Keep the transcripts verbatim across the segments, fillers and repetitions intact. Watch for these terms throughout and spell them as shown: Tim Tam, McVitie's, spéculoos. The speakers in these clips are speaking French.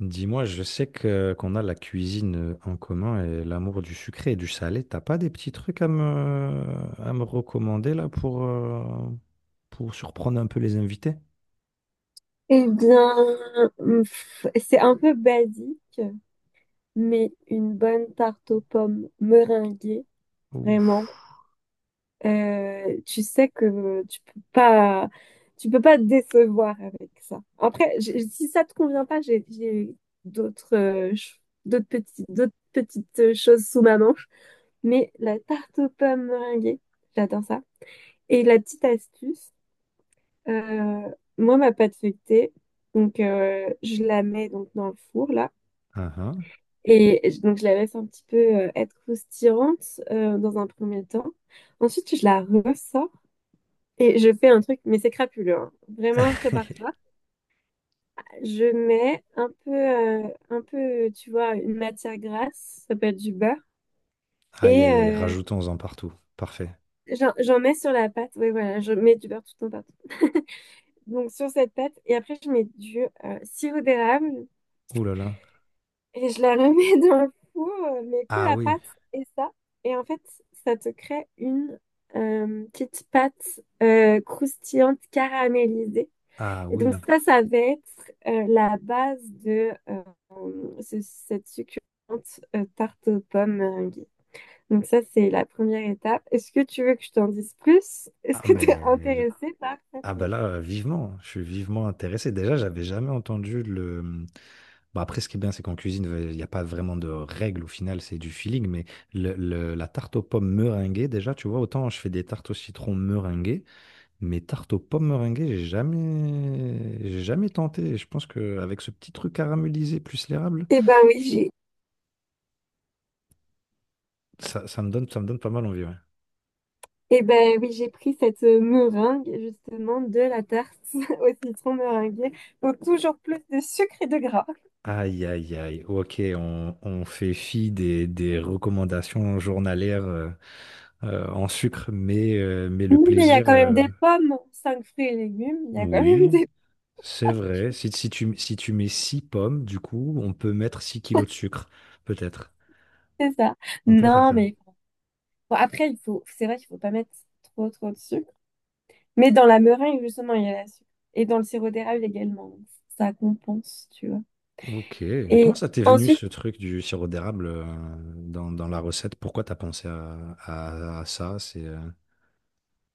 Dis-moi, je sais que qu'on a la cuisine euh, en commun et l'amour du sucré et du salé. T'as pas des petits trucs à me, à me recommander là pour, euh, pour surprendre un peu les invités? Eh bien, hum, pff, c'est un peu basique, mais une bonne tarte aux pommes meringuée, Ouf. vraiment. Euh, tu sais que tu peux pas, tu peux pas te décevoir avec ça. Après, j- si ça te convient pas, j'ai j'ai d'autres euh, ch- d'autres petites d'autres petites euh, choses sous ma manche, mais la tarte aux pommes meringuée, j'adore ça. Et la petite astuce, euh, moi ma pâte feuilletée, donc euh, je la mets donc dans le four là. Ah, ah. Et je- donc, je la laisse un petit peu euh, être croustillante euh, dans un premier temps. Ensuite, je la ressors et je fais un truc, mais c'est crapuleux, hein. Vraiment, prépare-toi. Je mets un peu, euh, un peu, tu vois, une matière grasse, ça peut être du beurre. Aïe Et aïe aïe, euh, rajoutons-en partout. Parfait. j'en j'en mets sur la pâte. Oui, voilà, je mets du beurre tout le temps partout. Donc, sur cette pâte. Et après, je mets du euh, sirop d'érable. Ouh là là. Et je la remets dans le four, euh, mais que Ah la oui. pâte et ça. Et en fait, ça te crée une euh, petite pâte euh, croustillante caramélisée. Ah Et donc oui. ça, ça va être euh, la base de euh, ce- cette succulente euh, tarte aux pommes meringuée. Donc ça, c'est la première étape. Est-ce que tu veux que je t'en dise plus? Est-ce Ah que tu es mais intéressée par ça? ah bah là, vivement. Je suis vivement intéressé. Déjà, j'avais jamais entendu le. Bah, après, ce qui est bien, c'est qu'en cuisine, il n'y a pas vraiment de règles au final, c'est du feeling, mais le le la tarte aux pommes meringuée, déjà, tu vois, autant je fais des tartes au citron meringuées, mais tarte aux pommes meringuées, j'ai jamais j'ai jamais tenté et je pense qu'avec ce petit truc caramélisé plus l'érable, Eh ben oui. ça ça me donne ça me donne pas mal envie, ouais. Eh ben oui, j'ai pris cette euh, meringue justement de la tarte au citron meringuée. Donc toujours plus de sucre et de gras. Aïe, aïe, aïe. OK, on on fait fi des des recommandations journalières, heu heu, en sucre, mais heu, mais le Non, mais il y a plaisir, quand même des heu pommes, cinq fruits et légumes. Il y a quand même oui. des... C'est vrai. Si, si tu, si tu mets six pommes, du coup, on peut mettre six kilos de sucre, peut-être. C'est ça. On peut faire Non, ça. mais bon, après, il faut... c'est vrai qu'il faut pas mettre trop trop de sucre. Mais dans la meringue, justement, il y a la sucre. Et dans le sirop d'érable également. Donc, Ça compense, tu vois. Ok, mais Et comment ça t'est venu ensuite, ce truc du sirop d'érable euh, dans, dans la recette? Pourquoi t'as pensé à, à- à ça? C'est euh,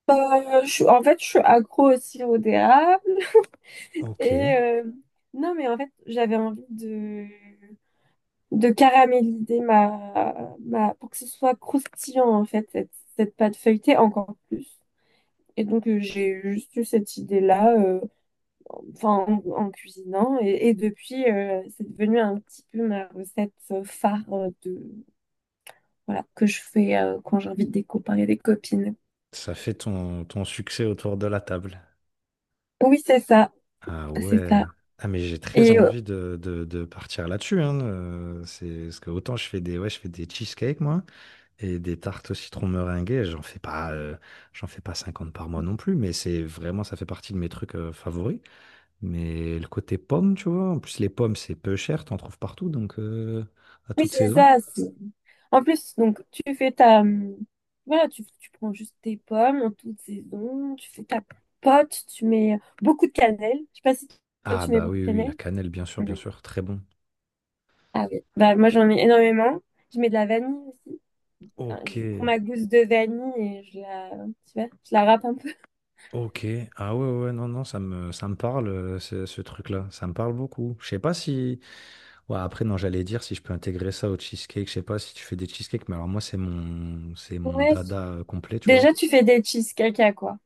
euh, je... suis- en fait, je suis accro au sirop d'érable. Et Ok. euh, non, mais en fait, j'avais envie de... de caraméliser ma, ma, pour que ce soit croustillant, en fait, cette, cette pâte feuilletée encore plus. Et donc, euh, j'ai juste eu cette idée-là, euh, enfin, en, en cuisinant. Et, et depuis, euh, c'est devenu un petit peu ma recette euh, phare euh, de, voilà, que je fais euh, quand j'invite des copains et des copines. Ça fait ton, ton succès autour de la table. Oui, c'est ça, Ah c'est ouais. ça. Ah mais j'ai très Et envie de, de- de partir là-dessus, hein. Euh, c'est parce que autant je fais des ouais, je fais des cheesecakes, moi. Et des tartes au citron meringuées, j'en fais pas, euh, j'en fais pas cinquante par mois non plus, mais c'est vraiment, ça fait partie de mes trucs euh, favoris. Mais le côté pomme tu vois, en plus les pommes, c'est peu cher, t'en trouves partout, donc euh, à Oui, toute c'est saison. ça. c'est- En plus, donc, tu fais ta... hum, voilà, tu, tu prends juste tes pommes en toute saison, tu fais ta pote, tu mets beaucoup de cannelle. Je sais pas si toi, Ah tu mets bah beaucoup de oui, oui, oui, cannelle. la cannelle, bien sûr, bien Oui. sûr, très bon. Ah oui. Bah, moi, j'en mets énormément. Je mets de la vanille aussi. Ah, Ok, Je prends ma gousse de vanille et je la, tu vois, je la râpe un peu. ok. Ah ouais, ouais, non, non, ça me, ça me parle, euh, ce, ce truc-là, ça me parle beaucoup. Je sais pas si. Ouais, après, non, j'allais dire si je peux intégrer ça au cheesecake, je sais pas si tu fais des cheesecakes, mais alors moi, c'est mon, c'est mon Ouais. dada euh, complet, tu vois. Déjà, tu fais des cheesecakes à quoi?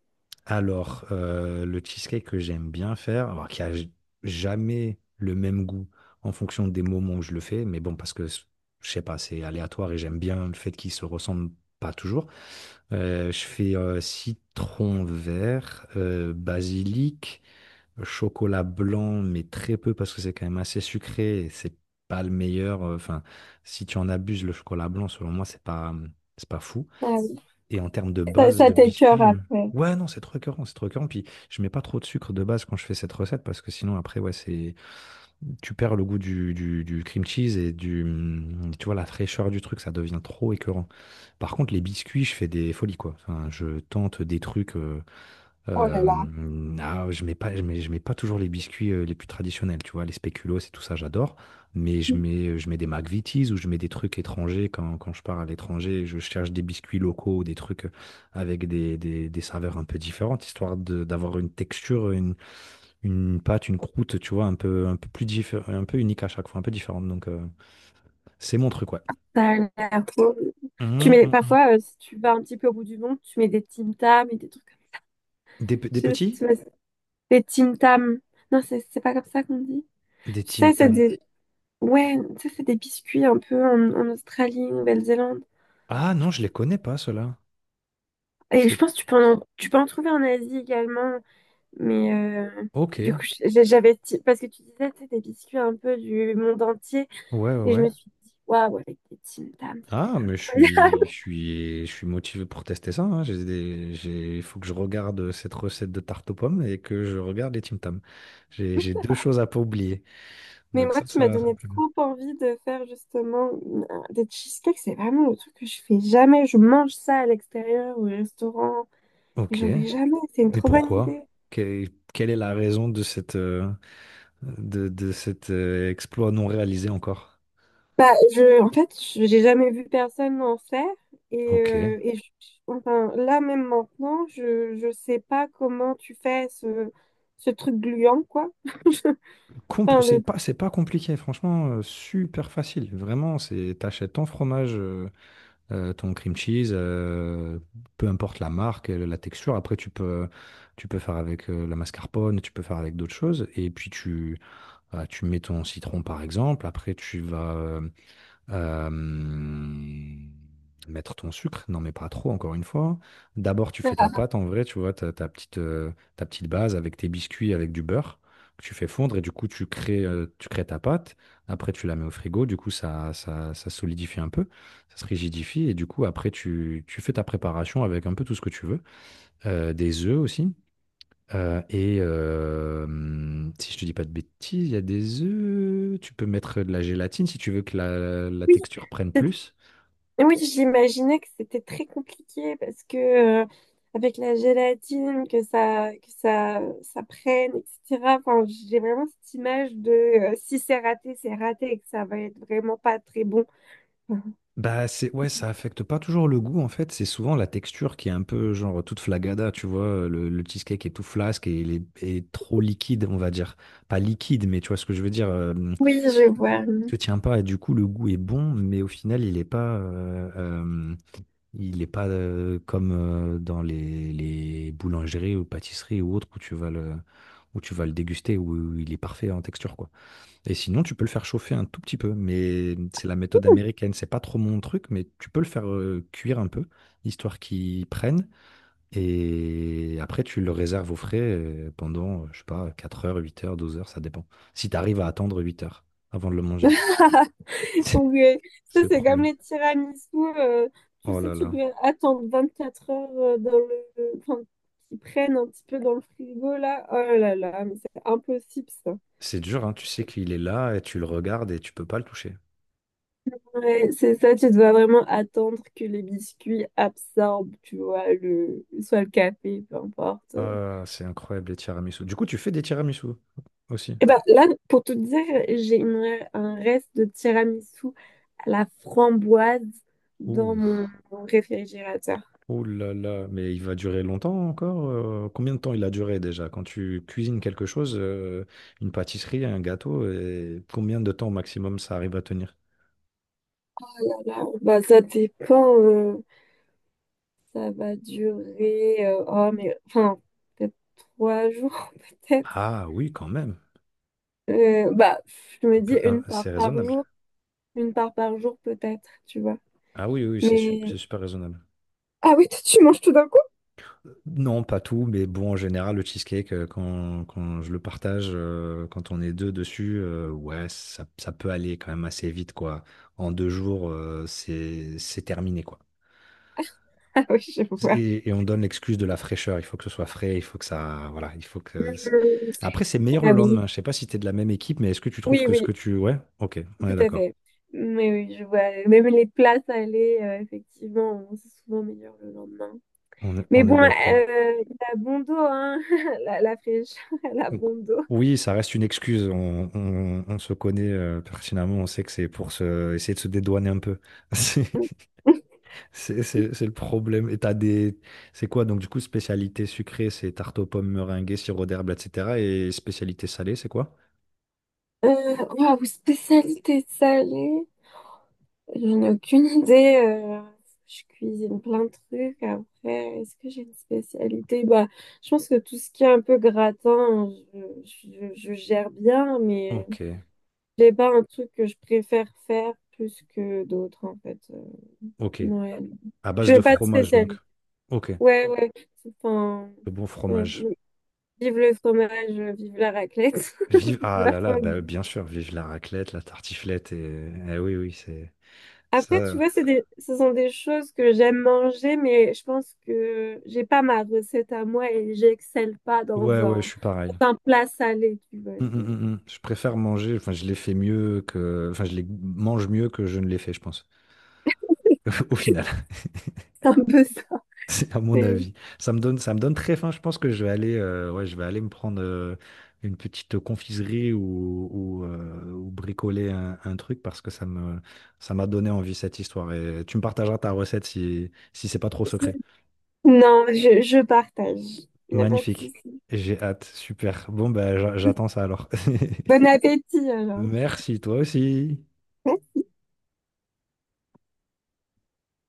Alors, euh, le cheesecake que j'aime bien faire, alors qui a j- jamais le même goût en fonction des moments où je le fais, mais bon, parce que c- je sais pas, c'est aléatoire et j'aime bien le fait qu'il se ressemble pas toujours. Euh, je fais euh, citron vert, euh, basilic, chocolat blanc, mais très peu parce que c'est quand même assez sucré et c'est pas le meilleur. euh, Enfin, si tu en abuses, le chocolat blanc, selon moi, c'est pas, c'est pas fou. Ah oui. Et en termes de Ça, base ça de t'écœure biscuits, euh, après. ouais, non, c'est trop écœurant, c'est trop écœurant. Puis je mets pas trop de sucre de base quand je fais cette recette parce que sinon, après, ouais, c'est tu perds le goût du, du, du cream cheese et du, hum, tu vois, la fraîcheur du truc, ça devient trop écœurant. Par contre, les biscuits, je fais des folies, quoi. Enfin, je tente des trucs. euh, Oh Heu, là là. mmh, ah, je mets pas je mets je mets pas toujours les biscuits, heu, les plus traditionnels, tu vois? Les spéculoos et tout ça, j'adore, mais je mets, euh, je mets des McVitie's ou je mets des trucs étrangers quand quand je pars à l'étranger, je cherche des biscuits locaux ou des trucs, euh, avec des des des saveurs un peu différentes, histoire de d'avoir une texture, une une pâte, une croûte, tu vois? Un peu un peu plus diffé un peu unique à chaque fois, un peu différente, donc heu, c'est mon truc, ouais. Ça a l'air trop- Tu Mmh, mets mmh mh. parfois, euh, si tu vas un petit peu au bout du monde, tu mets des Tim Tam et des trucs comme ça. Des p Je Des sais- pas si petits? tu vois, des Tim Tam. Non, c'est c'est pas comme ça qu'on dit. Des Tu Tim sais, c'est Tam. des. Ouais, tu sais, c'est des biscuits un peu en, en Australie, Nouvelle-Zélande. Ah Je non, crois je que- les connais pas ceux-là. c'est- Et je C'est pense que tu peux en, tu peux en trouver en Asie également. Mais euh, du OK. coup, je- j'avais. ti- parce que tu disais, tu sais, des biscuits un peu du monde entier. Ouais, ouais, Et je ouais. me suis dit, waouh, avec des Tim Tam, ça doit Ah, être mais je incroyable. suis, je suis, je suis motivé pour tester ça, hein. J'ai des- j'ai- il faut que je regarde cette recette de tarte aux pommes et que je regarde les Tim Tam. J'ai, j'ai deux choses à pas oublier. Mais Donc moi, ça, tu m'as ça, ça me donné plaît bien. trop envie de faire justement euh, des cheesecakes. C'est vraiment le truc que je fais jamais. Je mange ça à l'extérieur ou au restaurant, mais Ok, j'en fais jamais. C'est une mais trop bonne pourquoi? idée. Que- Quelle est la raison de cette, euh, de, de cet euh, exploit non réalisé encore? Bah, je, en fait, je- j'ai jamais vu personne en faire. Et, Ok. euh, et je- enfin, là, même maintenant, je, je sais pas comment tu fais ce, ce truc gluant, quoi. Compl- Enfin, c'est le, pas, c'est pas compliqué, franchement, euh, super facile. Vraiment, c'est, t'achètes ton fromage. euh, euh, ton cream cheese, euh, peu importe la marque, euh, la texture. Après, tu peux, tu peux faire avec euh, la mascarpone, tu peux faire avec d'autres choses. Et puis, tu, euh, tu mets ton citron, par exemple. Après, tu vas, euh, Hem, mettre ton sucre, non, mais pas trop, encore une fois. D'abord, tu fais ta pâte en vrai, tu vois, ta, ta petite, euh, ta petite base avec tes biscuits, avec du beurre que tu fais fondre et du coup, tu crées, euh, tu crées ta pâte. Après, tu la mets au frigo, du coup, ça, ça, ça solidifie un peu, ça se rigidifie et du coup, après, tu, tu fais ta préparation avec un peu tout ce que tu veux. Euh, des œufs aussi. Heu et hem, si je te dis pas de bêtises, il y a des œufs, tu peux mettre de la gélatine si tu veux que la la oui. texture prenne plus. Oui, j'imaginais que c'était très compliqué parce que euh, avec la gélatine, que ça, que ça, ça prenne, et cetera. Enfin, j'ai vraiment cette image de euh, si c'est raté, c'est raté et que ça va être vraiment pas très bon. Bah, c'est ouais, ça affecte pas toujours le goût en fait, c'est souvent la texture qui est un peu genre toute flagada, tu vois? le le cheesecake est tout flasque et il est et trop liquide, on va dire. Pas liquide, mais tu vois ce que je veux dire? Hem, Oui, je vois. Il se tient pas et du coup le goût est bon, mais au final il est pas, heu, hem il n'est pas euh, comme euh, dans les, les boulangeries ou pâtisseries ou autres où tu vas le, où tu vas le déguster, où il est parfait en texture, quoi. Et sinon, tu peux le faire chauffer un tout petit peu, mais c'est la méthode américaine. C'est pas trop mon truc, mais tu peux le faire euh, cuire un peu, histoire qu'il prenne. Et après, tu le réserves au frais euh, pendant, euh, je sais pas, quatre heures, huit heures, douze heures, ça dépend. Si tu arrives à attendre huit heures avant de le manger, c'est Oui, ça c'est le c'est comme problème. les tiramisu. euh, Tu Oh sais, là tu là. dois attendre vingt-quatre heures euh, dans le, enfin, qu'ils prennent un petit peu dans le frigo là. Oh là là, mais c'est impossible ça. C'est dur, hein, tu sais qu'il est là et tu le regardes et tu peux pas le toucher. Ouais, c'est ça, tu dois vraiment attendre que les biscuits absorbent, tu vois, le, soit le café, peu importe. Ah, c'est incroyable les tiramisu. Du coup, tu fais des tiramisu aussi. Et ben là, pour tout dire, j'ai une- un reste de tiramisu à la framboise dans Ouh, mon, mon réfrigérateur. oh là là, mais il va durer longtemps encore? Euh, combien de temps il a duré déjà? Quand tu cuisines quelque chose, euh, une pâtisserie, un gâteau, et combien de temps au maximum ça arrive à tenir? Là, bah, ça dépend, euh, ça va durer, euh, oh, mais, enfin, peut-être trois jours, peut-être. Ah oui, quand même. Euh, bah, je Un me dis peu- un- une C'est part par raisonnable. jour, une part par jour, peut-être, tu vois. Ah oui, oui, oui, c'est sup- Mais c'est super raisonnable. Ah oui, toi, tu manges tout d'un coup? Non, pas tout, mais bon, en général, le cheesecake, euh, quand, quand je le partage, euh, quand on est deux dessus, euh, ouais, ça, ça peut aller quand même assez vite, quoi. En deux jours, euh, c'est, c'est terminé, quoi. Ah oui, je vois. Et, et on donne l'excuse de la fraîcheur. Il faut que ce soit frais, il faut que ça, voilà, il faut que. c'est- Mhm. Après, c'est meilleur Ah le oui. lendemain. Je sais pas si t'es de la même équipe, mais est-ce que tu trouves Oui, que ce oui, que tu, ouais, ok, on est tout à d'accord. fait. Mais oui, je vois. Même les plats salés, euh, effectivement, c'est souvent meilleur le lendemain. On est, Mais on bon, est euh, d'accord. il a bon dos, hein. La, la fraîcheur, elle a Donc, bon dos. oui, ça reste une excuse. On, on- on se connaît euh, pertinemment. On sait que c'est pour se, essayer de se dédouaner un peu. C'est c'est- c'est- c'est le problème. Et t'as des. C'est quoi? Donc, du coup, spécialité sucrée, c'est tarte aux pommes, meringuée, sirop d'herbe, et cetera. Et spécialité salée, c'est quoi? Euh, Waouh, spécialité salée. J'en ai aucune idée. Euh, je cuisine plein de trucs. Après, est-ce que j'ai une spécialité? Bah, je pense que tout ce qui est un peu gratin, je, je- je gère bien, mais Ok, j'ai pas un truc que je préfère faire plus que d'autres, en fait. Euh, ok. Ouais. À base Je de veux pas de fromage, donc. spécialité. Ok, Ouais, ouais, enfin, le bon ouais, fromage. ouais. Vive le fromage, vive la raclette, Vive, vive ah la là là, bah, fondue. bien sûr, vive la raclette, la tartiflette, et, eh oui, oui, c'est Après, tu ça. vois, c'est des, ce sont des choses que j'aime manger, mais je pense que j'ai pas ma recette à moi et j'excelle pas Ouais, dans ouais, un, je suis pareil. dans un plat salé, tu vois. Mm, mm, mm, je- mm. Je préfère manger, enfin je les fais mieux que, enfin je les mange mieux que je ne les fais, je pense. Au final, C'est un peu ça. c'est à mon C'est- avis. Ça me donne, ça me donne très faim. Je pense que je vais aller, euh, ouais, je vais aller me prendre euh, une petite confiserie ou, ou, euh, ou bricoler un, un truc parce que ça me, ça m'a donné envie cette histoire. Et tu me partageras ta recette si, si c'est pas trop secret. Non, je, je partage. Il n'y a pas de Magnifique. souci. J'ai hâte. Super. Bon ben, j'a- j'attends ça alors. Bon appétit, alors. Merci toi aussi.